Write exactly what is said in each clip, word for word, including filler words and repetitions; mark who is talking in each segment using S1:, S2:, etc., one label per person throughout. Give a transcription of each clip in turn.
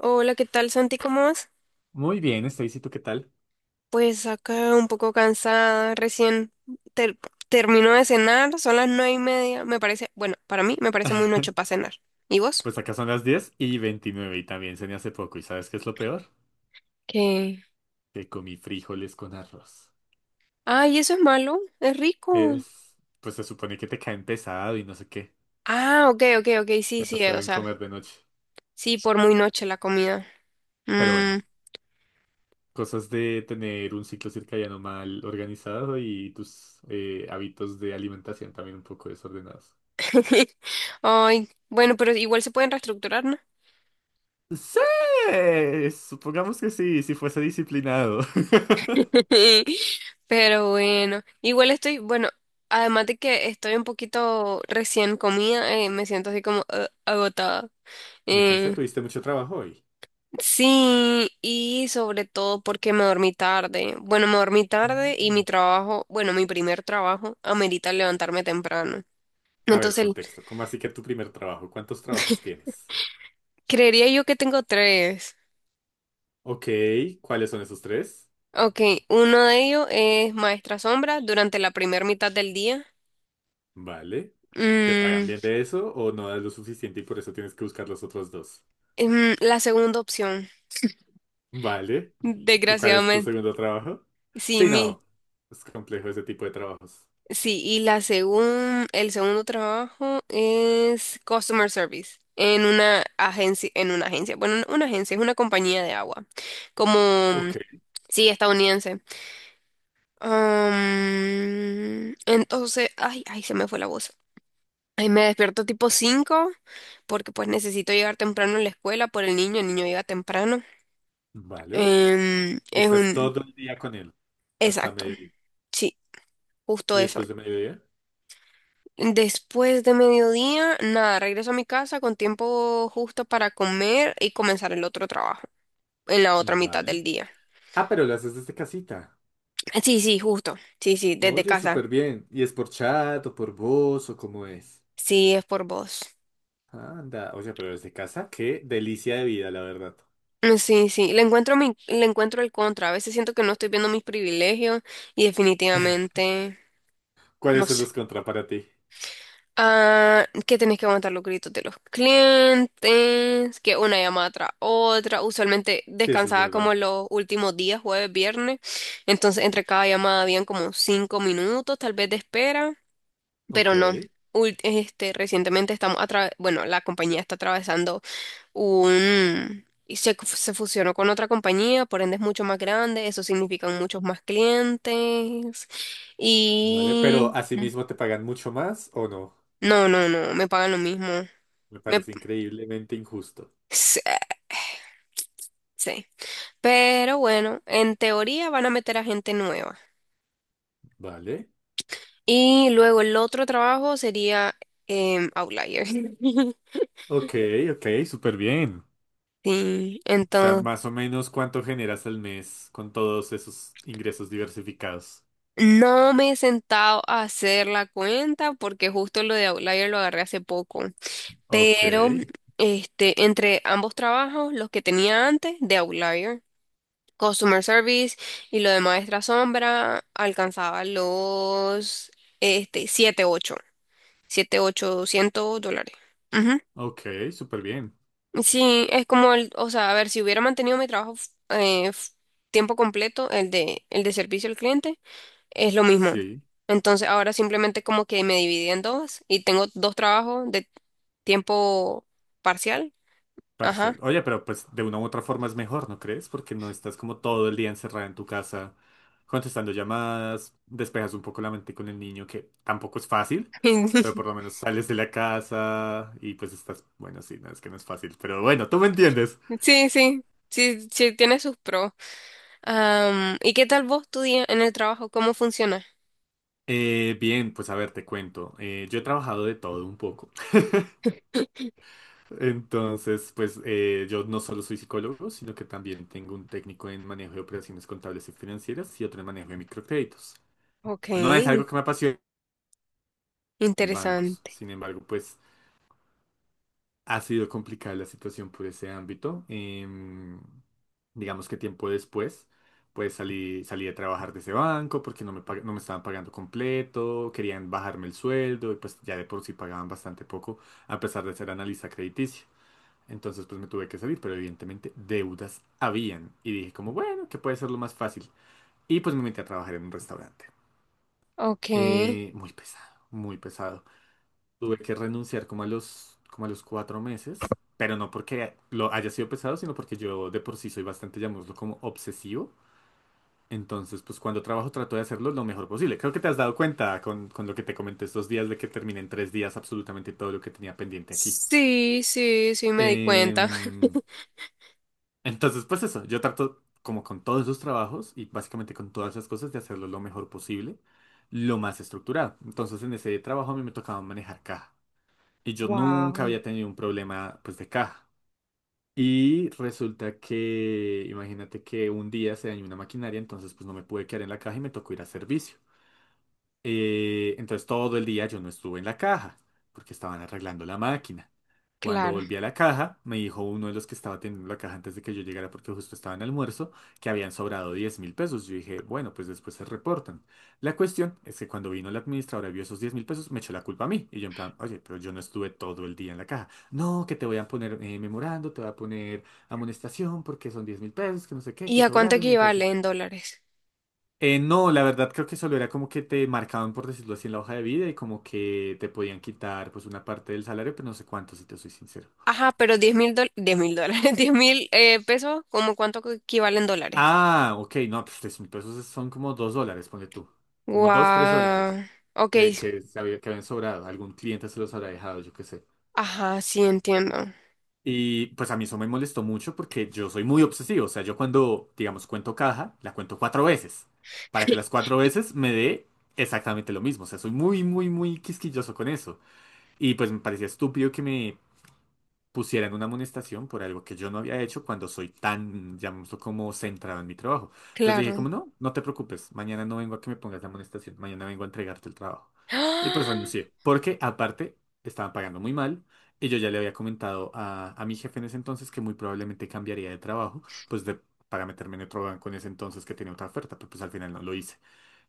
S1: Hola, ¿qué tal, Santi? ¿Cómo vas?
S2: Muy bien, Stacy, ¿tú qué tal?
S1: Pues acá un poco cansada, recién ter- termino de cenar, son las nueve y media, me parece, bueno, para mí me parece muy noche para cenar. ¿Y vos?
S2: Pues acá son las diez y veintinueve y también cené hace poco. ¿Y sabes qué es lo peor?
S1: ¿Qué?
S2: Que comí frijoles con arroz.
S1: Ay, eso es malo, es rico.
S2: Es, pues se supone que te caen pesado y no sé qué.
S1: Ah, ok, ok, ok, sí,
S2: Que no
S1: sí, eh, o
S2: saben
S1: sea,
S2: comer de noche.
S1: sí, por muy noche la comida.
S2: Pero bueno,
S1: Mm.
S2: cosas de tener un ciclo circadiano mal organizado y tus eh, hábitos de alimentación también un poco desordenados.
S1: Ay, bueno, pero igual se pueden reestructurar, ¿no?
S2: Sí, supongamos que sí, si fuese disciplinado.
S1: Pero bueno, igual estoy, bueno, además de que estoy un poquito recién comida, eh, me siento así como ah, agotada.
S2: Me cansé,
S1: Eh,
S2: tuviste mucho trabajo hoy.
S1: sí, y sobre todo porque me dormí tarde. Bueno, me dormí tarde y
S2: Ah.
S1: mi trabajo, bueno, mi primer trabajo amerita levantarme temprano.
S2: A ver,
S1: Entonces,
S2: contexto. ¿Cómo así que tu primer trabajo? ¿Cuántos trabajos tienes?
S1: creería yo que tengo tres.
S2: Ok, ¿cuáles son esos tres?
S1: Ok, uno de ellos es maestra sombra durante la primera mitad del día.
S2: Vale. ¿Te pagan
S1: Mm,
S2: bien de eso o no das lo suficiente y por eso tienes que buscar los otros dos?
S1: mm, la segunda opción.
S2: Vale. ¿Y cuál es tu
S1: Desgraciadamente.
S2: segundo trabajo?
S1: Sí,
S2: Sí,
S1: mi,
S2: no. Es complejo ese tipo de trabajos.
S1: sí, y la segun, el segundo trabajo es customer service en una agencia, en una agencia, bueno, no una agencia, es una compañía de agua, como, mm,
S2: Ok,
S1: sí, estadounidense. Am, entonces, ay, ay, se me fue la voz. Ay, me despierto tipo cinco porque pues necesito llegar temprano a la escuela por el niño, el niño llega temprano.
S2: vale.
S1: Em,
S2: Y
S1: es
S2: estás
S1: un,
S2: todo el día con él, hasta
S1: exacto,
S2: mediodía.
S1: sí, justo
S2: ¿Y
S1: eso.
S2: después de mediodía?
S1: Después de mediodía, nada, regreso a mi casa con tiempo justo para comer y comenzar el otro trabajo en la otra mitad
S2: Vale.
S1: del día.
S2: Ah, pero lo haces desde casita.
S1: Sí, sí, justo. Sí, sí, desde
S2: Oye,
S1: casa.
S2: súper bien. ¿Y es por chat o por voz o cómo es?
S1: Sí, es por vos.
S2: Anda, oye, pero desde casa, qué delicia de vida, la verdad.
S1: Mm, sí, sí, le encuentro mi, le encuentro el contra. A veces siento que no estoy viendo mis privilegios y definitivamente no
S2: ¿Cuáles son
S1: sé.
S2: los contras para ti?
S1: Ah, que tenés que aguantar los gritos de los clientes, que una llamada tras otra. Usualmente
S2: Sí, eso es
S1: descansaba
S2: verdad.
S1: como los últimos días, jueves, viernes. Entonces, entre cada llamada habían como cinco minutos, tal vez de espera,
S2: Ok,
S1: pero no. Ul- este, recientemente estamos atra- bueno, la compañía está atravesando un y se, se fusionó con otra compañía, por ende es mucho más grande, eso significa muchos más clientes.
S2: vale, ¿pero
S1: Y
S2: asimismo te pagan mucho más o no?
S1: no, no, no, me pagan lo mismo.
S2: Me parece increíblemente injusto.
S1: Sí, sí. Pero bueno, en teoría van a meter a gente nueva.
S2: Vale.
S1: Y luego el otro trabajo sería em, Outlier.
S2: Ok, ok, súper bien.
S1: Sí,
S2: O sea,
S1: entonces
S2: más o menos cuánto generas al mes con todos esos ingresos diversificados.
S1: no me he sentado a hacer la cuenta porque justo lo de Outlier lo agarré hace poco.
S2: Ok,
S1: Pero este, entre ambos trabajos, los que tenía antes de Outlier, Customer Service y lo de Maestra Sombra, alcanzaba los este, siete ocho. Siete, ochocientos dólares. Ujú.
S2: ok, súper bien.
S1: Sí, es como el, o sea, a ver, si hubiera mantenido mi trabajo f- eh, f- tiempo completo, el de, el de servicio al cliente, es lo mismo.
S2: Sí.
S1: Entonces ahora simplemente como que me dividí en dos y tengo dos trabajos de tiempo parcial.
S2: Parcial.
S1: Ajá.
S2: Oye, pero pues de una u otra forma es mejor, ¿no crees? Porque no estás como todo el día encerrada en tu casa contestando llamadas, despejas un poco la mente con el niño, que tampoco es fácil, pero por lo menos sales de la casa y pues estás, bueno, sí, no es que no es fácil, pero bueno, tú me entiendes.
S1: Sí, sí, sí, sí, tiene sus pros. Am, ¿y qué tal vos tu día en el trabajo? ¿Cómo funciona?
S2: Eh, bien, pues a ver, te cuento. Eh, yo he trabajado de todo un poco. Entonces, pues eh, yo no solo soy psicólogo, sino que también tengo un técnico en manejo de operaciones contables y financieras y otro en manejo de microcréditos.
S1: Ok,
S2: No es algo que me apasione en bancos.
S1: interesante.
S2: Sin embargo, pues ha sido complicada la situación por ese ámbito. Em, digamos que tiempo después, pues salí, salí a trabajar de ese banco porque no me, pag- no me estaban pagando completo, querían bajarme el sueldo y pues ya de por sí pagaban bastante poco a pesar de ser analista crediticio. Entonces pues me tuve que salir, pero evidentemente deudas habían. Y dije como, bueno, que puede ser lo más fácil. Y pues me metí a trabajar en un restaurante.
S1: Ok.
S2: Eh, muy pesado, muy pesado. Tuve que renunciar como a los, como a los cuatro meses, pero no porque lo haya sido pesado, sino porque yo de por sí soy bastante, llamémoslo como obsesivo. Entonces, pues cuando trabajo trato de hacerlo lo mejor posible. Creo que te has dado cuenta con, con lo que te comenté estos días de que terminé en tres días absolutamente todo lo que tenía pendiente aquí.
S1: Sí, sí, sí, me di cuenta.
S2: Em, entonces, pues eso, yo trato como con todos esos trabajos y básicamente con todas esas cosas de hacerlo lo mejor posible, lo más estructurado. Entonces, en ese trabajo a mí me tocaba manejar caja. Y yo nunca
S1: Wow,
S2: había tenido un problema pues de caja. Y resulta que, imagínate que un día se dañó una maquinaria, entonces pues no me pude quedar en la caja y me tocó ir a servicio. Eh, entonces todo el día yo no estuve en la caja porque estaban arreglando la máquina. Cuando
S1: claro.
S2: volví a la caja, me dijo uno de los que estaba teniendo la caja antes de que yo llegara porque justo estaba en almuerzo, que habían sobrado diez mil pesos. Yo dije, bueno, pues después se reportan. La cuestión es que cuando vino la administradora y vio esos diez mil pesos, me echó la culpa a mí. Y yo en plan, oye, pero yo no estuve todo el día en la caja. No, que te voy a poner eh, memorando, te voy a poner amonestación porque son diez mil pesos, que no sé qué,
S1: ¿Y
S2: que
S1: a cuánto
S2: sobraron y
S1: equivale
S2: entonces
S1: en dólares?
S2: eh, no, la verdad creo que solo era como que te marcaban, por decirlo así, en la hoja de vida y como que te podían quitar pues una parte del salario, pero no sé cuánto, si te soy sincero.
S1: Ajá, pero diez mil dólares, diez mil dólares, diez mil eh, pesos, ¿cómo cuánto que equivale en dólares?
S2: Ah, ok, no, pues tres mil pesos es- son como dos dólares, ponle tú. Como dos, tres dólares
S1: Wow, ok,
S2: que, que, se había- que habían sobrado. Algún cliente se los habrá dejado, yo qué sé.
S1: ajá, sí entiendo,
S2: Y pues a mí eso me molestó mucho porque yo soy muy obsesivo. O sea, yo cuando, digamos, cuento caja, la cuento cuatro veces. Para que las cuatro veces me dé exactamente lo mismo. O sea, soy muy, muy, muy quisquilloso con eso. Y pues me parecía estúpido que me pusieran una amonestación por algo que yo no había hecho cuando soy tan, llamémoslo como centrado en mi trabajo. Entonces le
S1: claro.
S2: dije como, no, no te preocupes, mañana no vengo a que me pongas la amonestación, mañana vengo a entregarte el trabajo. Y pues
S1: ¡Ah!
S2: renuncié, porque aparte estaban pagando muy mal y yo ya le había comentado a, a mi jefe en ese entonces que muy probablemente cambiaría de trabajo, pues de, para meterme en otro banco en ese entonces que tenía otra oferta, pero pues al final no lo hice.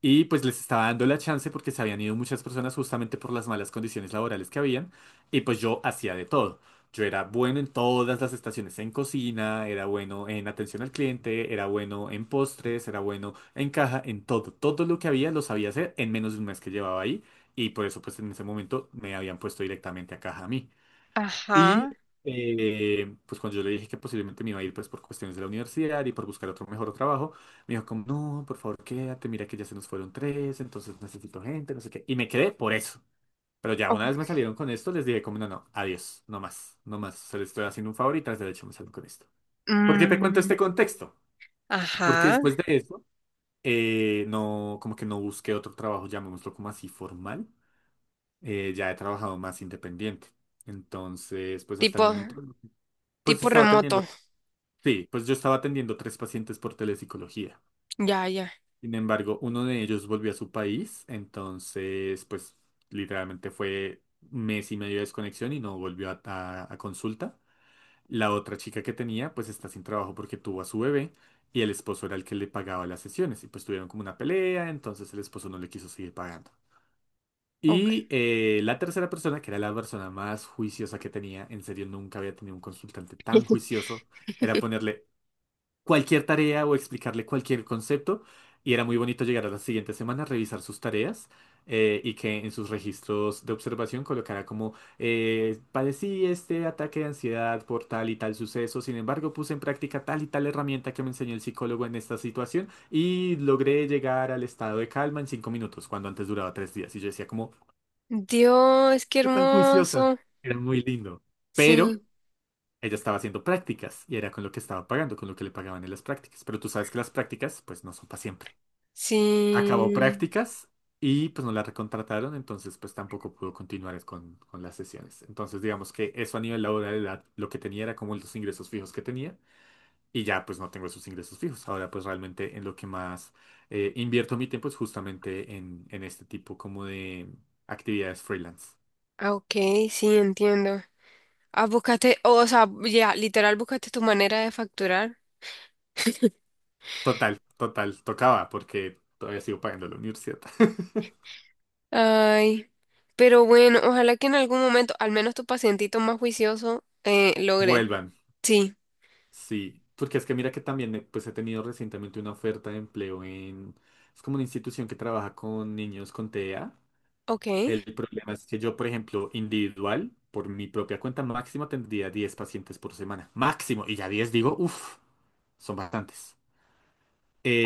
S2: Y pues les estaba dando la chance porque se habían ido muchas personas justamente por las malas condiciones laborales que habían. Y pues yo hacía de todo. Yo era bueno en todas las estaciones, en cocina, era bueno en atención al cliente, era bueno en postres, era bueno en caja, en todo. Todo lo que había lo sabía hacer en menos de un mes que llevaba ahí. Y por eso pues en ese momento me habían puesto directamente a caja a mí. Y
S1: Ajá,
S2: eh, pues cuando yo le dije que posiblemente me iba a ir pues por cuestiones de la universidad y por buscar otro mejor trabajo, me dijo como, no, por favor quédate, mira que ya se nos fueron tres, entonces necesito gente, no sé qué. Y me quedé por eso. Pero ya
S1: ok.
S2: una vez me salieron con esto, les dije como, no, no, adiós, no más, no más. Se les estoy haciendo un favor y tras derecho me salen con esto. ¿Por qué te cuento
S1: Mm,
S2: este contexto? Porque
S1: ajá,
S2: después de eso, eh, no, como que no busqué otro trabajo, llamémoslo como así formal. Eh, ya he trabajado más independiente. Entonces, pues hasta el
S1: tipo,
S2: momento. Pues
S1: tipo
S2: estaba
S1: remoto,
S2: atendiendo, sí, pues yo estaba atendiendo tres pacientes por telepsicología.
S1: ya, ya,
S2: Sin embargo, uno de ellos volvió a su país, entonces, pues literalmente fue mes y medio de desconexión y no volvió a, a- a consulta. La otra chica que tenía, pues está sin trabajo porque tuvo a su bebé y el esposo era el que le pagaba las sesiones y pues tuvieron como una pelea, entonces el esposo no le quiso seguir pagando.
S1: ok.
S2: Y eh, la tercera persona, que era la persona más juiciosa que tenía, en serio nunca había tenido un consultante tan juicioso, era ponerle cualquier tarea o explicarle cualquier concepto. Y era muy bonito llegar a la siguiente semana, revisar sus tareas eh, y que en sus registros de observación colocara como eh, padecí este ataque de ansiedad por tal y tal suceso, sin embargo puse en práctica tal y tal herramienta que me enseñó el psicólogo en esta situación y logré llegar al estado de calma en cinco minutos, cuando antes duraba tres días. Y yo decía como,
S1: Dios, qué
S2: "¿Qué tan juiciosa?"
S1: hermoso,
S2: Era muy lindo.
S1: sí,
S2: Pero... Ella estaba haciendo prácticas y era con lo que estaba pagando, con lo que le pagaban en las prácticas. Pero tú sabes que las prácticas, pues no son para siempre. Acabó
S1: sí,
S2: prácticas y pues no la recontrataron, entonces pues tampoco pudo continuar con, con las sesiones. Entonces digamos que eso a nivel laboral era lo que tenía, era como los ingresos fijos que tenía y ya pues no tengo esos ingresos fijos. Ahora pues realmente en lo que más eh, invierto mi tiempo es justamente en, en este tipo como de actividades freelance.
S1: ah, ok, sí, entiendo. Ah, buscaste, o sea, ya, literal, buscaste tu manera de facturar.
S2: Total, total, tocaba porque todavía sigo pagando la universidad.
S1: Ay, pero bueno, ojalá que en algún momento, al menos tu pacientito más juicioso, eh, logre.
S2: Vuelvan.
S1: Sí,
S2: Sí, porque es que mira que también eh, pues he tenido recientemente una oferta de empleo en... Es como una institución que trabaja con niños con TEA.
S1: ok.
S2: El problema es que yo, por ejemplo, individual, por mi propia cuenta máximo tendría diez pacientes por semana. Máximo. Y ya diez digo, uff, son bastantes.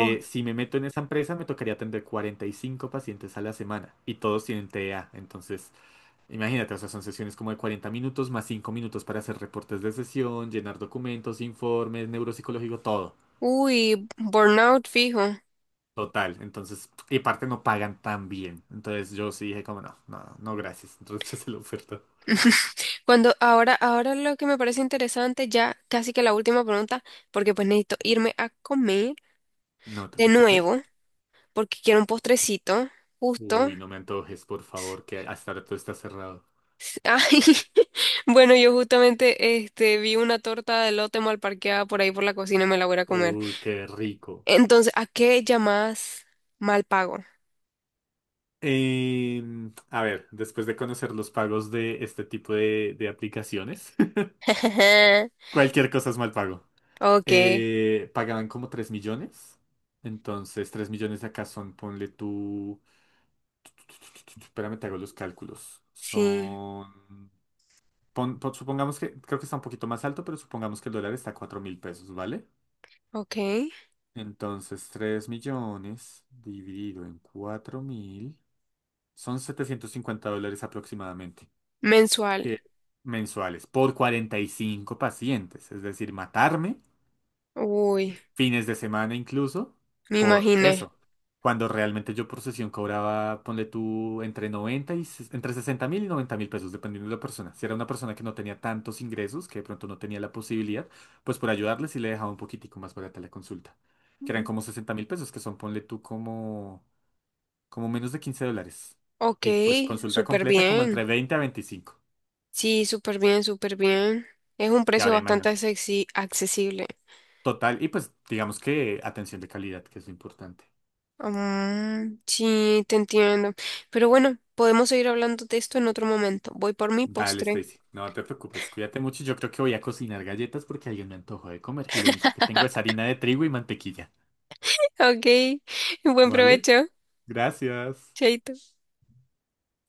S1: Oh,
S2: Si me meto en esa empresa, me tocaría atender cuarenta y cinco pacientes a la semana y todos tienen TEA. Entonces, imagínate, o sea, son sesiones como de cuarenta minutos más cinco minutos para hacer reportes de sesión, llenar documentos, informes, neuropsicológico, todo.
S1: uy, burnout fijo.
S2: Total, entonces, y aparte no pagan tan bien. Entonces yo sí dije como no, no, no, no, gracias. Entonces hice la oferta.
S1: Cuando ahora, ahora lo que me parece interesante, ya casi que la última pregunta, porque pues necesito irme a comer
S2: No te
S1: de
S2: preocupes.
S1: nuevo, porque quiero un postrecito, justo.
S2: Uy, no me antojes, por favor, que hasta ahora todo está cerrado.
S1: Ay, bueno, yo justamente este, vi una torta de lote mal parqueada por ahí por la cocina y me la voy a ir a comer.
S2: Uy, qué rico.
S1: Entonces, ¿a qué llamas mal pago?
S2: Em, a ver, después de conocer los pagos de este tipo de, de aplicaciones, cualquier cosa es mal pago.
S1: Ok,
S2: Eh, pagaban como tres millones. Entonces, tres millones de acá son, ponle tú... Espérame, te hago los cálculos.
S1: sí,
S2: Son... pon- pon- supongamos que, creo que está un poquito más alto, pero supongamos que el dólar está a cuatro mil pesos, ¿vale?
S1: ok.
S2: Entonces, tres millones dividido en cuatro mil son setecientos cincuenta dólares aproximadamente,
S1: Mensual.
S2: que mensuales por cuarenta y cinco pacientes. Es decir, matarme
S1: Uy,
S2: fines de semana incluso,
S1: me
S2: por
S1: imaginé.
S2: eso. Cuando realmente yo por sesión cobraba, ponle tú, entre noventa y ses- entre sesenta mil y noventa mil pesos, dependiendo de la persona. Si era una persona que no tenía tantos ingresos, que de pronto no tenía la posibilidad, pues por ayudarle sí le dejaba un poquitico más barata la consulta. Que eran como sesenta mil pesos, que son, ponle tú, como, como menos de quince dólares.
S1: Ok,
S2: Y pues consulta
S1: súper
S2: completa como entre
S1: bien.
S2: veinte a veinticinco.
S1: Sí, súper bien, súper bien. Es un
S2: Y
S1: precio
S2: ahora
S1: bastante
S2: imagínate.
S1: accesi- accesible.
S2: Total, y pues digamos que atención de calidad, que es lo importante.
S1: Mm, sí, te entiendo. Pero bueno, podemos seguir hablando de esto en otro momento. Voy por mi
S2: Dale,
S1: postre.
S2: Stacy. No te preocupes, cuídate mucho. Yo creo que voy a cocinar galletas porque alguien me antojó de comer y lo único que tengo es harina de trigo y mantequilla.
S1: Ok, buen
S2: ¿Vale?
S1: provecho,
S2: Gracias.
S1: chaito.